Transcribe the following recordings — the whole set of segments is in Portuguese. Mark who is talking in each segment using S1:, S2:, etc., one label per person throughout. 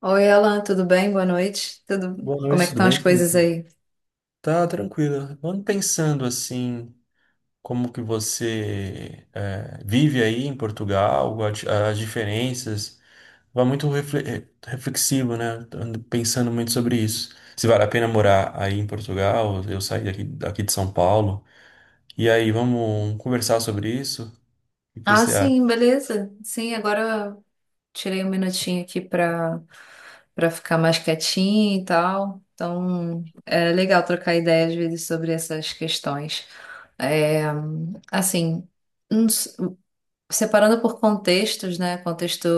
S1: Oi, Alan, tudo bem? Boa noite. Tudo.
S2: Boa
S1: Como é
S2: noite,
S1: que
S2: tudo
S1: estão as
S2: bem?
S1: coisas
S2: Felipe?
S1: aí?
S2: Tá tranquilo. Vamos pensando assim, como que você vive aí em Portugal, as diferenças. Vai muito reflexivo, né? Ando pensando muito sobre isso. Se vale a pena morar aí em Portugal, eu sair daqui de São Paulo. E aí, vamos conversar sobre isso? O que
S1: Ah,
S2: você acha?
S1: sim, beleza. Sim, agora eu tirei um minutinho aqui para ficar mais quietinho e tal. Então, é legal trocar ideia às vezes sobre essas questões. É, assim, não s- separando por contextos, né? Contexto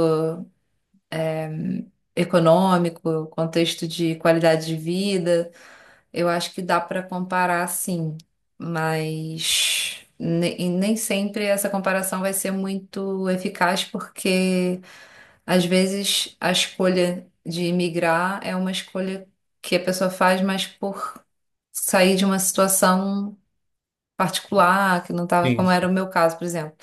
S1: econômico, contexto de qualidade de vida. Eu acho que dá para comparar sim, mas e nem sempre essa comparação vai ser muito eficaz, porque às vezes a escolha de emigrar é uma escolha que a pessoa faz, mas por sair de uma situação particular, que não estava
S2: Sim,
S1: como
S2: sim.
S1: era o meu caso, por exemplo.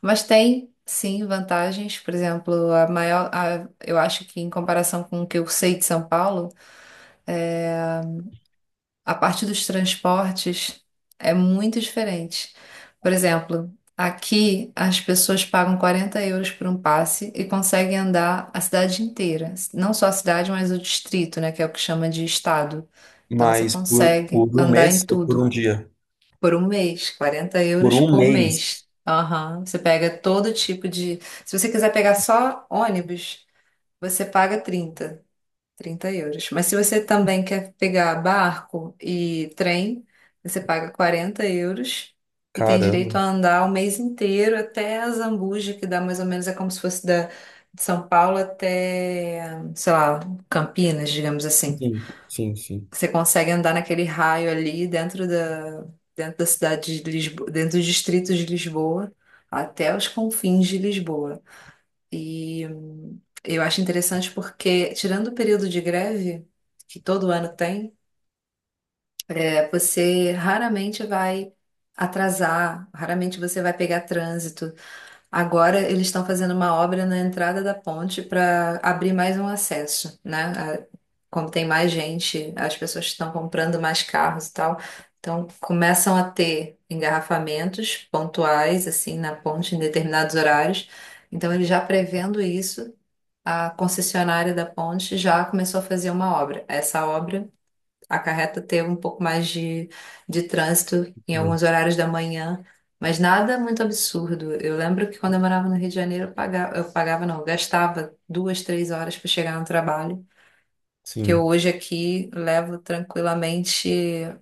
S1: Mas tem sim vantagens, por exemplo, a maior, eu acho que em comparação com o que eu sei de São Paulo. eh, a parte dos transportes é muito diferente. Por exemplo, aqui as pessoas pagam € 40 por um passe e conseguem andar a cidade inteira. Não só a cidade, mas o distrito, né? Que é o que chama de estado. Então você
S2: Mas por
S1: consegue
S2: um
S1: andar em
S2: mês ou por
S1: tudo
S2: um dia?
S1: por um mês, 40
S2: Por
S1: euros
S2: um
S1: por
S2: mês.
S1: mês. Aham. Você pega todo tipo de. Se você quiser pegar só ônibus, você paga trinta euros. Mas se você também quer pegar barco e trem, você paga € 40 e tem direito a
S2: Caramba.
S1: andar o mês inteiro até a Zambuja, que dá mais ou menos, é como se fosse da, de São Paulo até, sei lá, Campinas, digamos assim.
S2: Sim, sim, sim.
S1: Você consegue andar naquele raio ali dentro da cidade de Lisboa, dentro dos distritos de Lisboa, até os confins de Lisboa. E eu acho interessante porque, tirando o período de greve, que todo ano tem, é, você raramente vai atrasar, raramente você vai pegar trânsito. Agora eles estão fazendo uma obra na entrada da ponte para abrir mais um acesso, né? Como tem mais gente, as pessoas estão comprando mais carros e tal. Então, começam a ter engarrafamentos pontuais, assim, na ponte em determinados horários. Então, ele já prevendo isso, a concessionária da ponte já começou a fazer uma obra. Essa obra acarreta ter um pouco mais de trânsito em
S2: Hum.
S1: alguns horários da manhã, mas nada muito absurdo. Eu lembro que quando eu morava no Rio de Janeiro, eu pagava não, eu gastava duas, três horas para chegar no trabalho. Que eu
S2: Sim.
S1: hoje aqui levo tranquilamente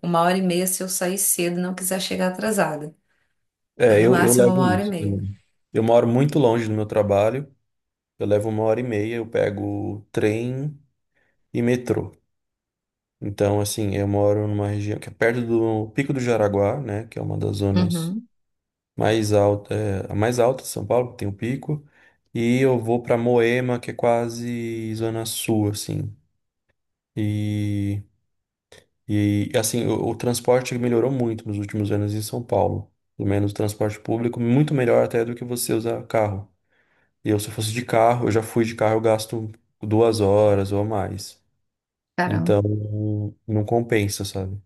S1: uma hora e meia se eu sair cedo e não quiser chegar atrasada. É
S2: É,
S1: no
S2: eu
S1: máximo
S2: levo
S1: uma hora e
S2: isso
S1: meia.
S2: também. Eu moro muito longe do meu trabalho, eu levo uma hora e meia, eu pego trem e metrô. Então, assim, eu moro numa região que é perto do Pico do Jaraguá, né, que é uma das zonas
S1: Uhum,
S2: a mais alta de São Paulo, que tem o pico, e eu vou para Moema, que é quase zona sul, assim. E, e assim, o transporte melhorou muito nos últimos anos em São Paulo. Pelo menos o transporte público, muito melhor até do que você usar carro. Eu, se eu fosse de carro, eu já fui de carro, eu gasto duas horas ou mais.
S1: caramba.
S2: Então, não compensa, sabe?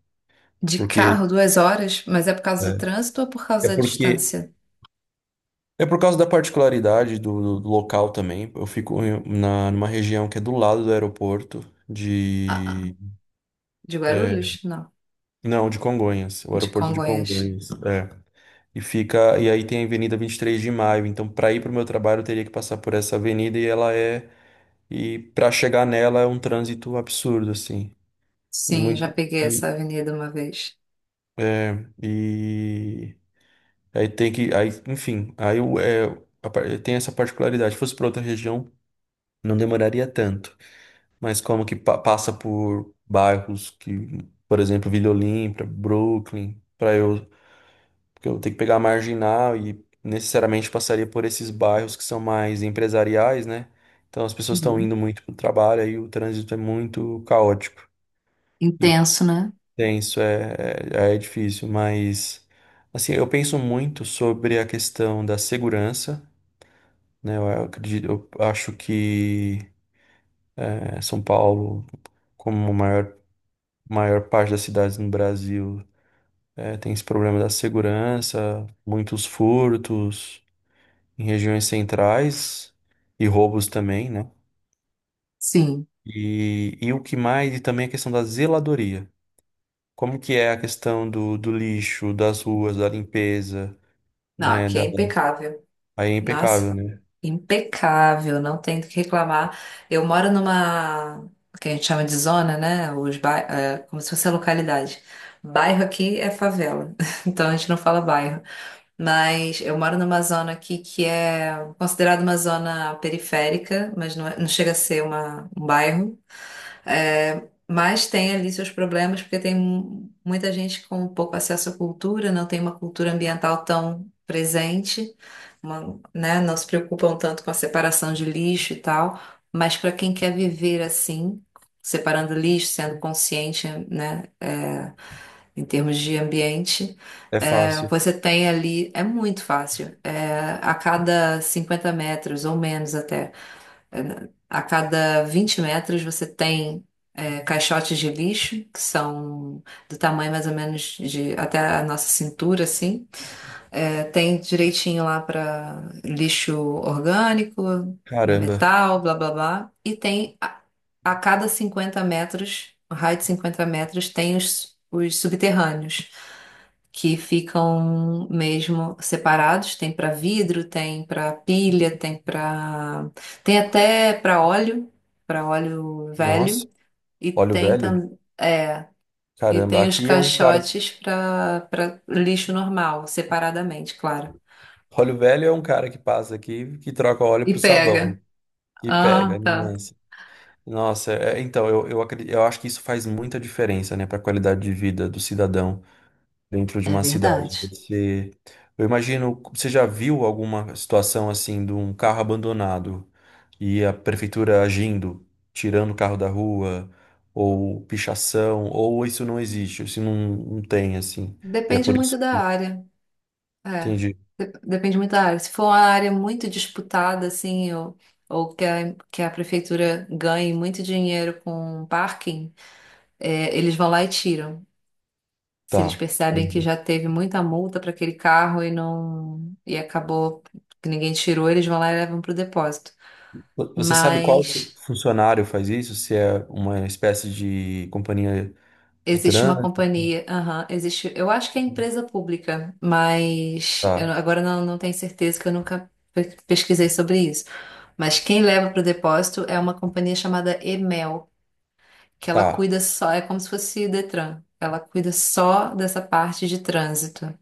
S1: De
S2: Porque
S1: carro, duas horas, mas é por causa do
S2: é,
S1: trânsito ou por
S2: é
S1: causa da
S2: porque
S1: distância?
S2: é por causa da particularidade do local também. Eu fico numa região que é do lado do aeroporto
S1: Ah,
S2: de
S1: ah. De
S2: é,
S1: Guarulhos? Não,
S2: não, de Congonhas, o
S1: de
S2: aeroporto de
S1: Congonhas.
S2: Congonhas, é. E fica, e aí tem a Avenida 23 de Maio, então para ir para o meu trabalho eu teria que passar por essa avenida e ela é e para chegar nela é um trânsito absurdo assim. E
S1: Sim, já
S2: muito.
S1: peguei
S2: E,
S1: essa avenida uma vez.
S2: é, e aí tem que. Aí, enfim, aí o- é, a par- tem essa particularidade. Se fosse para outra região, não demoraria tanto. Mas como que passa por bairros que, por exemplo, Vila Olímpia, Brooklyn, para eu. Porque eu vou ter que pegar a marginal e necessariamente passaria por esses bairros que são mais empresariais, né? Então as pessoas estão
S1: Uhum.
S2: indo muito para o trabalho, aí o trânsito é muito caótico.
S1: Intenso, né?
S2: Tenso, é difícil, mas assim, eu penso muito sobre a questão da segurança, né? Eu acredito, eu acho que São Paulo, como maior parte das cidades no Brasil, é, tem esse problema da segurança, muitos furtos em regiões centrais e roubos também, né?
S1: Sim.
S2: E o que mais, e também a questão da zeladoria. Como que é a questão do lixo, das ruas, da limpeza,
S1: Não,
S2: né?
S1: aqui é impecável.
S2: Aí é
S1: Nossa,
S2: impecável, né?
S1: impecável, não tem do que reclamar. Eu moro numa, que a gente chama de zona, né? É, como se fosse a localidade. Bairro aqui é favela, então a gente não fala bairro. Mas eu moro numa zona aqui que é considerada uma zona periférica, mas não, não chega a ser uma, um bairro. É, mas tem ali seus problemas, porque tem muita gente com pouco acesso à cultura, não tem uma cultura ambiental tão presente, né, não se preocupam tanto com a separação de lixo e tal. Mas para quem quer viver assim, separando lixo, sendo consciente, né, é, em termos de ambiente,
S2: É
S1: é,
S2: fácil.
S1: você tem ali, é muito fácil, é, a cada 50 metros ou menos até. É, a cada 20 metros você tem é, caixotes de lixo, que são do tamanho mais ou menos de até a nossa cintura, assim. É, tem direitinho lá para lixo orgânico,
S2: Caramba.
S1: metal, blá blá blá. E tem a cada 50 metros, um raio de 50 metros, tem os subterrâneos, que ficam mesmo separados. Tem para vidro, tem para pilha, tem para. Tem até para óleo
S2: Nossa,
S1: velho. E
S2: óleo
S1: tem
S2: velho?
S1: também. É, e
S2: Caramba,
S1: tem os
S2: aqui é um cara que-
S1: caixotes para lixo normal, separadamente, claro.
S2: Óleo velho é um cara que passa aqui que troca óleo
S1: E
S2: pro
S1: pega.
S2: sabão, né? E pega.
S1: Ah, tá.
S2: Nossa. Nossa, é, então eu acredito, eu acho que isso faz muita diferença, né, para a qualidade de vida do cidadão dentro de
S1: É
S2: uma cidade.
S1: verdade.
S2: Você, eu imagino, você já viu alguma situação assim de um carro abandonado e a prefeitura agindo, tirando o carro da rua, ou pichação, ou isso não existe, não tem assim. E é
S1: Depende
S2: por isso
S1: muito da
S2: que
S1: área. É.
S2: entendi.
S1: Depende muito da área. Se for uma área muito disputada, assim, ou que a prefeitura ganhe muito dinheiro com parking, é, eles vão lá e tiram. Se eles
S2: Tá.
S1: percebem que
S2: Entendi.
S1: já teve muita multa para aquele carro e não e acabou que ninguém tirou, eles vão lá e levam para o depósito.
S2: Você sabe qual
S1: Mas
S2: funcionário faz isso? Se é uma espécie de companhia de
S1: existe uma
S2: trânsito?
S1: companhia, aham, existe, eu acho que é empresa pública, mas eu
S2: Tá,
S1: não- agora não, não tenho certeza, que eu nunca pesquisei sobre isso. Mas quem leva para o depósito é uma companhia chamada Emel, que ela
S2: tá.
S1: cuida só, é como se fosse o Detran, ela cuida só dessa parte de trânsito.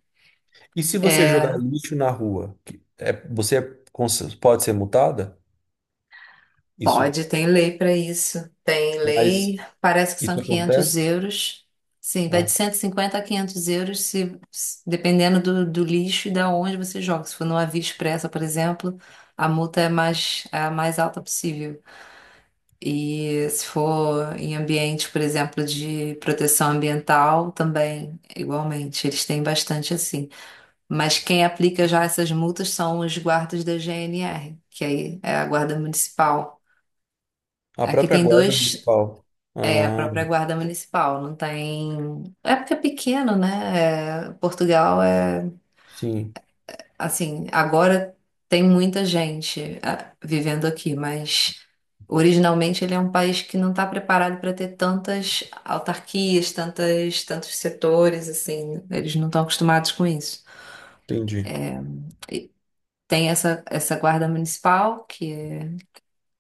S2: E se você jogar
S1: É,
S2: lixo na rua, que é, você é pode ser multada? Isso,
S1: pode, tem lei para isso. Tem
S2: mas
S1: lei, parece que são
S2: isso
S1: 500
S2: acontece?
S1: euros. Sim, vai
S2: Ah,
S1: de
S2: tá.
S1: 150 a € 500, dependendo do lixo e da onde você joga. Se for numa via expressa, por exemplo, a multa é mais, é a mais alta possível. E se for em ambiente, por exemplo, de proteção ambiental, também, igualmente, eles têm bastante assim. Mas quem aplica já essas multas são os guardas da GNR, que aí é a Guarda Municipal.
S2: A
S1: Aqui
S2: própria
S1: tem
S2: guarda
S1: dois,
S2: municipal.
S1: é a
S2: Ah,
S1: própria guarda municipal, não tem. É porque é pequeno, né? É, Portugal é
S2: sim,
S1: assim, agora tem muita gente vivendo aqui, mas originalmente ele é um país que não está preparado para ter tantas autarquias, tantas, tantos setores, assim, eles não estão acostumados com isso.
S2: entendi.
S1: E tem essa guarda municipal que é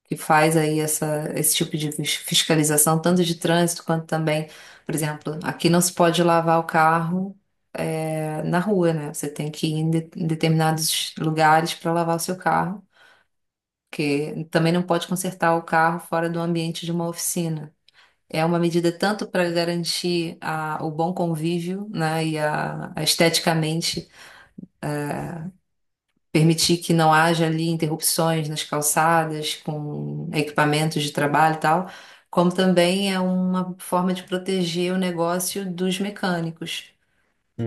S1: que faz aí essa, esse tipo de fiscalização, tanto de trânsito quanto também, por exemplo, aqui não se pode lavar o carro na rua, né? Você tem que ir em, em determinados lugares para lavar o seu carro, porque também não pode consertar o carro fora do ambiente de uma oficina. É uma medida tanto para garantir o bom convívio, né, e a esteticamente permitir que não haja ali interrupções nas calçadas com equipamentos de trabalho e tal, como também é uma forma de proteger o negócio dos mecânicos,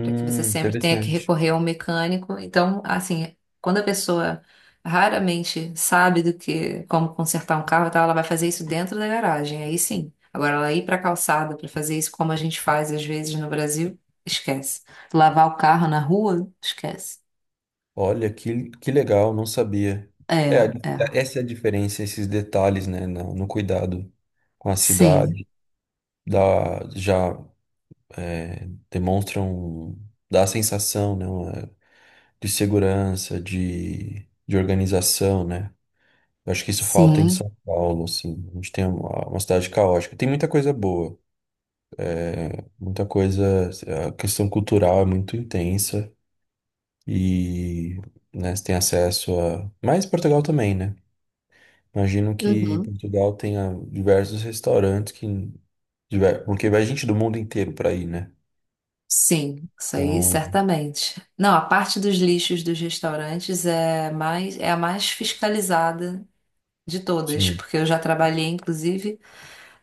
S1: para que você sempre tenha que
S2: Interessante.
S1: recorrer ao mecânico. Então, assim, quando a pessoa raramente sabe do que como consertar um carro e tal, ela vai fazer isso dentro da garagem, aí sim. Agora, ela ir para a calçada para fazer isso como a gente faz às vezes no Brasil, esquece. Lavar o carro na rua, esquece.
S2: Olha, que legal, não sabia.
S1: É,
S2: É,
S1: é.
S2: essa é a diferença, esses detalhes, né, no cuidado com a
S1: Sim,
S2: cidade, da, já é, demonstram, dá a sensação, né, de segurança, de organização, né? Eu acho que isso falta em
S1: sim,
S2: São Paulo, assim. A gente tem uma cidade caótica. Tem muita coisa boa, muita coisa. A questão cultural é muito intensa e, né, você tem acesso a. Mas Portugal também, né? Imagino que
S1: uhum,
S2: Portugal tenha diversos restaurantes que. Porque vai gente do mundo inteiro para ir, né?
S1: sim, isso aí
S2: Então,
S1: certamente. Não, a parte dos lixos dos restaurantes é mais, é a mais fiscalizada de todas,
S2: sim.
S1: porque eu já trabalhei, inclusive,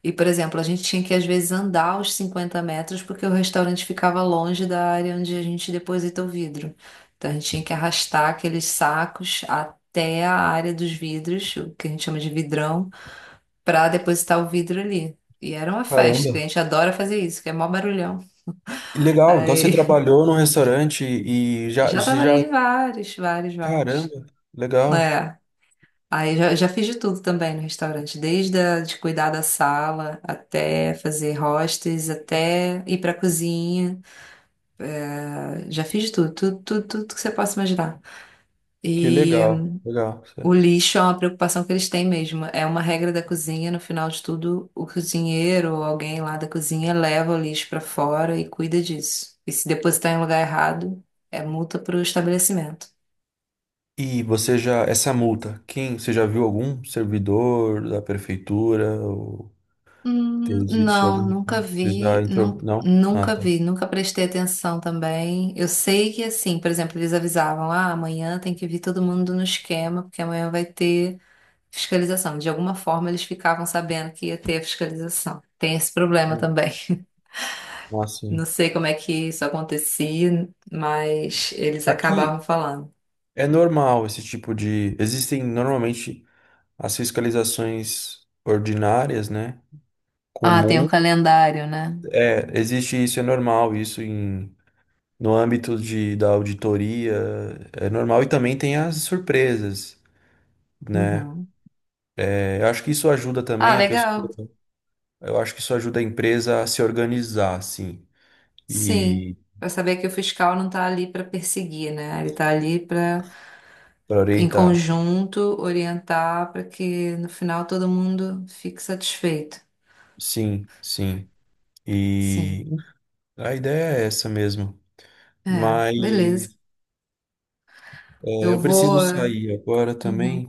S1: e, por exemplo, a gente tinha que às vezes andar os 50 metros porque o restaurante ficava longe da área onde a gente deposita o vidro. Então a gente tinha que arrastar aqueles sacos até a área dos vidros, o que a gente chama de vidrão, pra depositar o vidro ali. E era uma festa,
S2: Caramba.
S1: que a gente adora fazer isso, que é mó barulhão.
S2: Que legal, então você
S1: Aí
S2: trabalhou num restaurante e já,
S1: já
S2: você já
S1: trabalhei em vários, vários,
S2: caramba,
S1: vários.
S2: legal.
S1: É, aí já fiz de tudo também no restaurante, desde a, de cuidar da sala até fazer hostes, até ir pra cozinha. Ah, já fiz de tudo, tudo, tudo, tudo que você possa imaginar.
S2: Que
S1: E
S2: legal, legal,
S1: o
S2: certo.
S1: lixo é uma preocupação que eles têm mesmo. É uma regra da cozinha, no final de tudo, o cozinheiro ou alguém lá da cozinha leva o lixo para fora e cuida disso. E se depositar em lugar errado, é multa para o estabelecimento.
S2: E você já, essa multa, quem, você já viu algum servidor da prefeitura ou existe
S1: Não,
S2: algum?
S1: nunca
S2: Você
S1: vi,
S2: já entrou? Não? Ah,
S1: nunca
S2: tá.
S1: vi, nunca prestei atenção também. Eu sei que assim, por exemplo, eles avisavam, ah, amanhã tem que vir todo mundo no esquema, porque amanhã vai ter fiscalização. De alguma forma, eles ficavam sabendo que ia ter a fiscalização. Tem esse problema
S2: Hum.
S1: também.
S2: Ah, sim.
S1: Não sei como é que isso acontecia, mas eles acabavam
S2: Aqui
S1: falando.
S2: é normal esse tipo de, existem normalmente as fiscalizações ordinárias, né?
S1: Ah, tem um
S2: Comum,
S1: calendário, né?
S2: é, existe isso, é normal isso em no âmbito de, da auditoria, é normal e também tem as surpresas, né?
S1: Uhum.
S2: É, eu acho que isso ajuda
S1: Ah,
S2: também a
S1: legal.
S2: pessoa, eu acho que isso ajuda a empresa a se organizar, sim,
S1: Sim.
S2: e
S1: Para saber que o fiscal não está ali para perseguir, né? Ele está ali para,
S2: para
S1: em
S2: orientar.
S1: conjunto, orientar para que no final todo mundo fique satisfeito.
S2: Sim, sim.
S1: Sim.
S2: E a ideia é essa mesmo.
S1: É,
S2: Mas
S1: beleza.
S2: é,
S1: Eu
S2: eu preciso
S1: vou.
S2: sair agora
S1: Uhum.
S2: também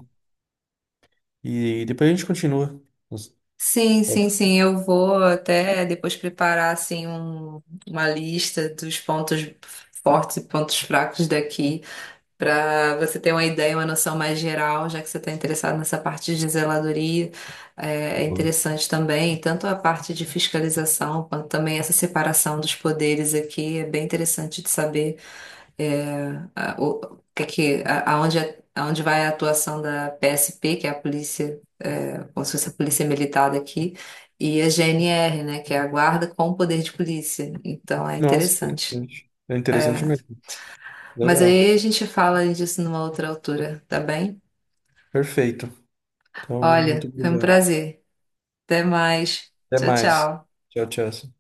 S2: e depois a gente continua. Nossa,
S1: Sim, sim,
S2: pode.
S1: sim. Eu vou até depois preparar assim uma lista dos pontos fortes e pontos fracos daqui, para você ter uma ideia, uma noção mais geral, já que você está interessado nessa parte de zeladoria, é interessante também, tanto a parte de fiscalização, quanto também essa separação dos poderes aqui, é bem interessante de saber é, aonde vai a atuação da PSP, que é a polícia, é, como se fosse a polícia militar daqui, e a GNR, né, que é a guarda com poder de polícia. Então é
S2: Nossa,
S1: interessante.
S2: interessante. É interessante mesmo.
S1: Mas
S2: Legal.
S1: aí a gente fala disso numa outra altura, tá bem?
S2: Perfeito. Então, muito
S1: Olha, foi um
S2: obrigado.
S1: prazer. Até mais.
S2: Até
S1: Tchau,
S2: mais.
S1: tchau.
S2: Tchau, tchau.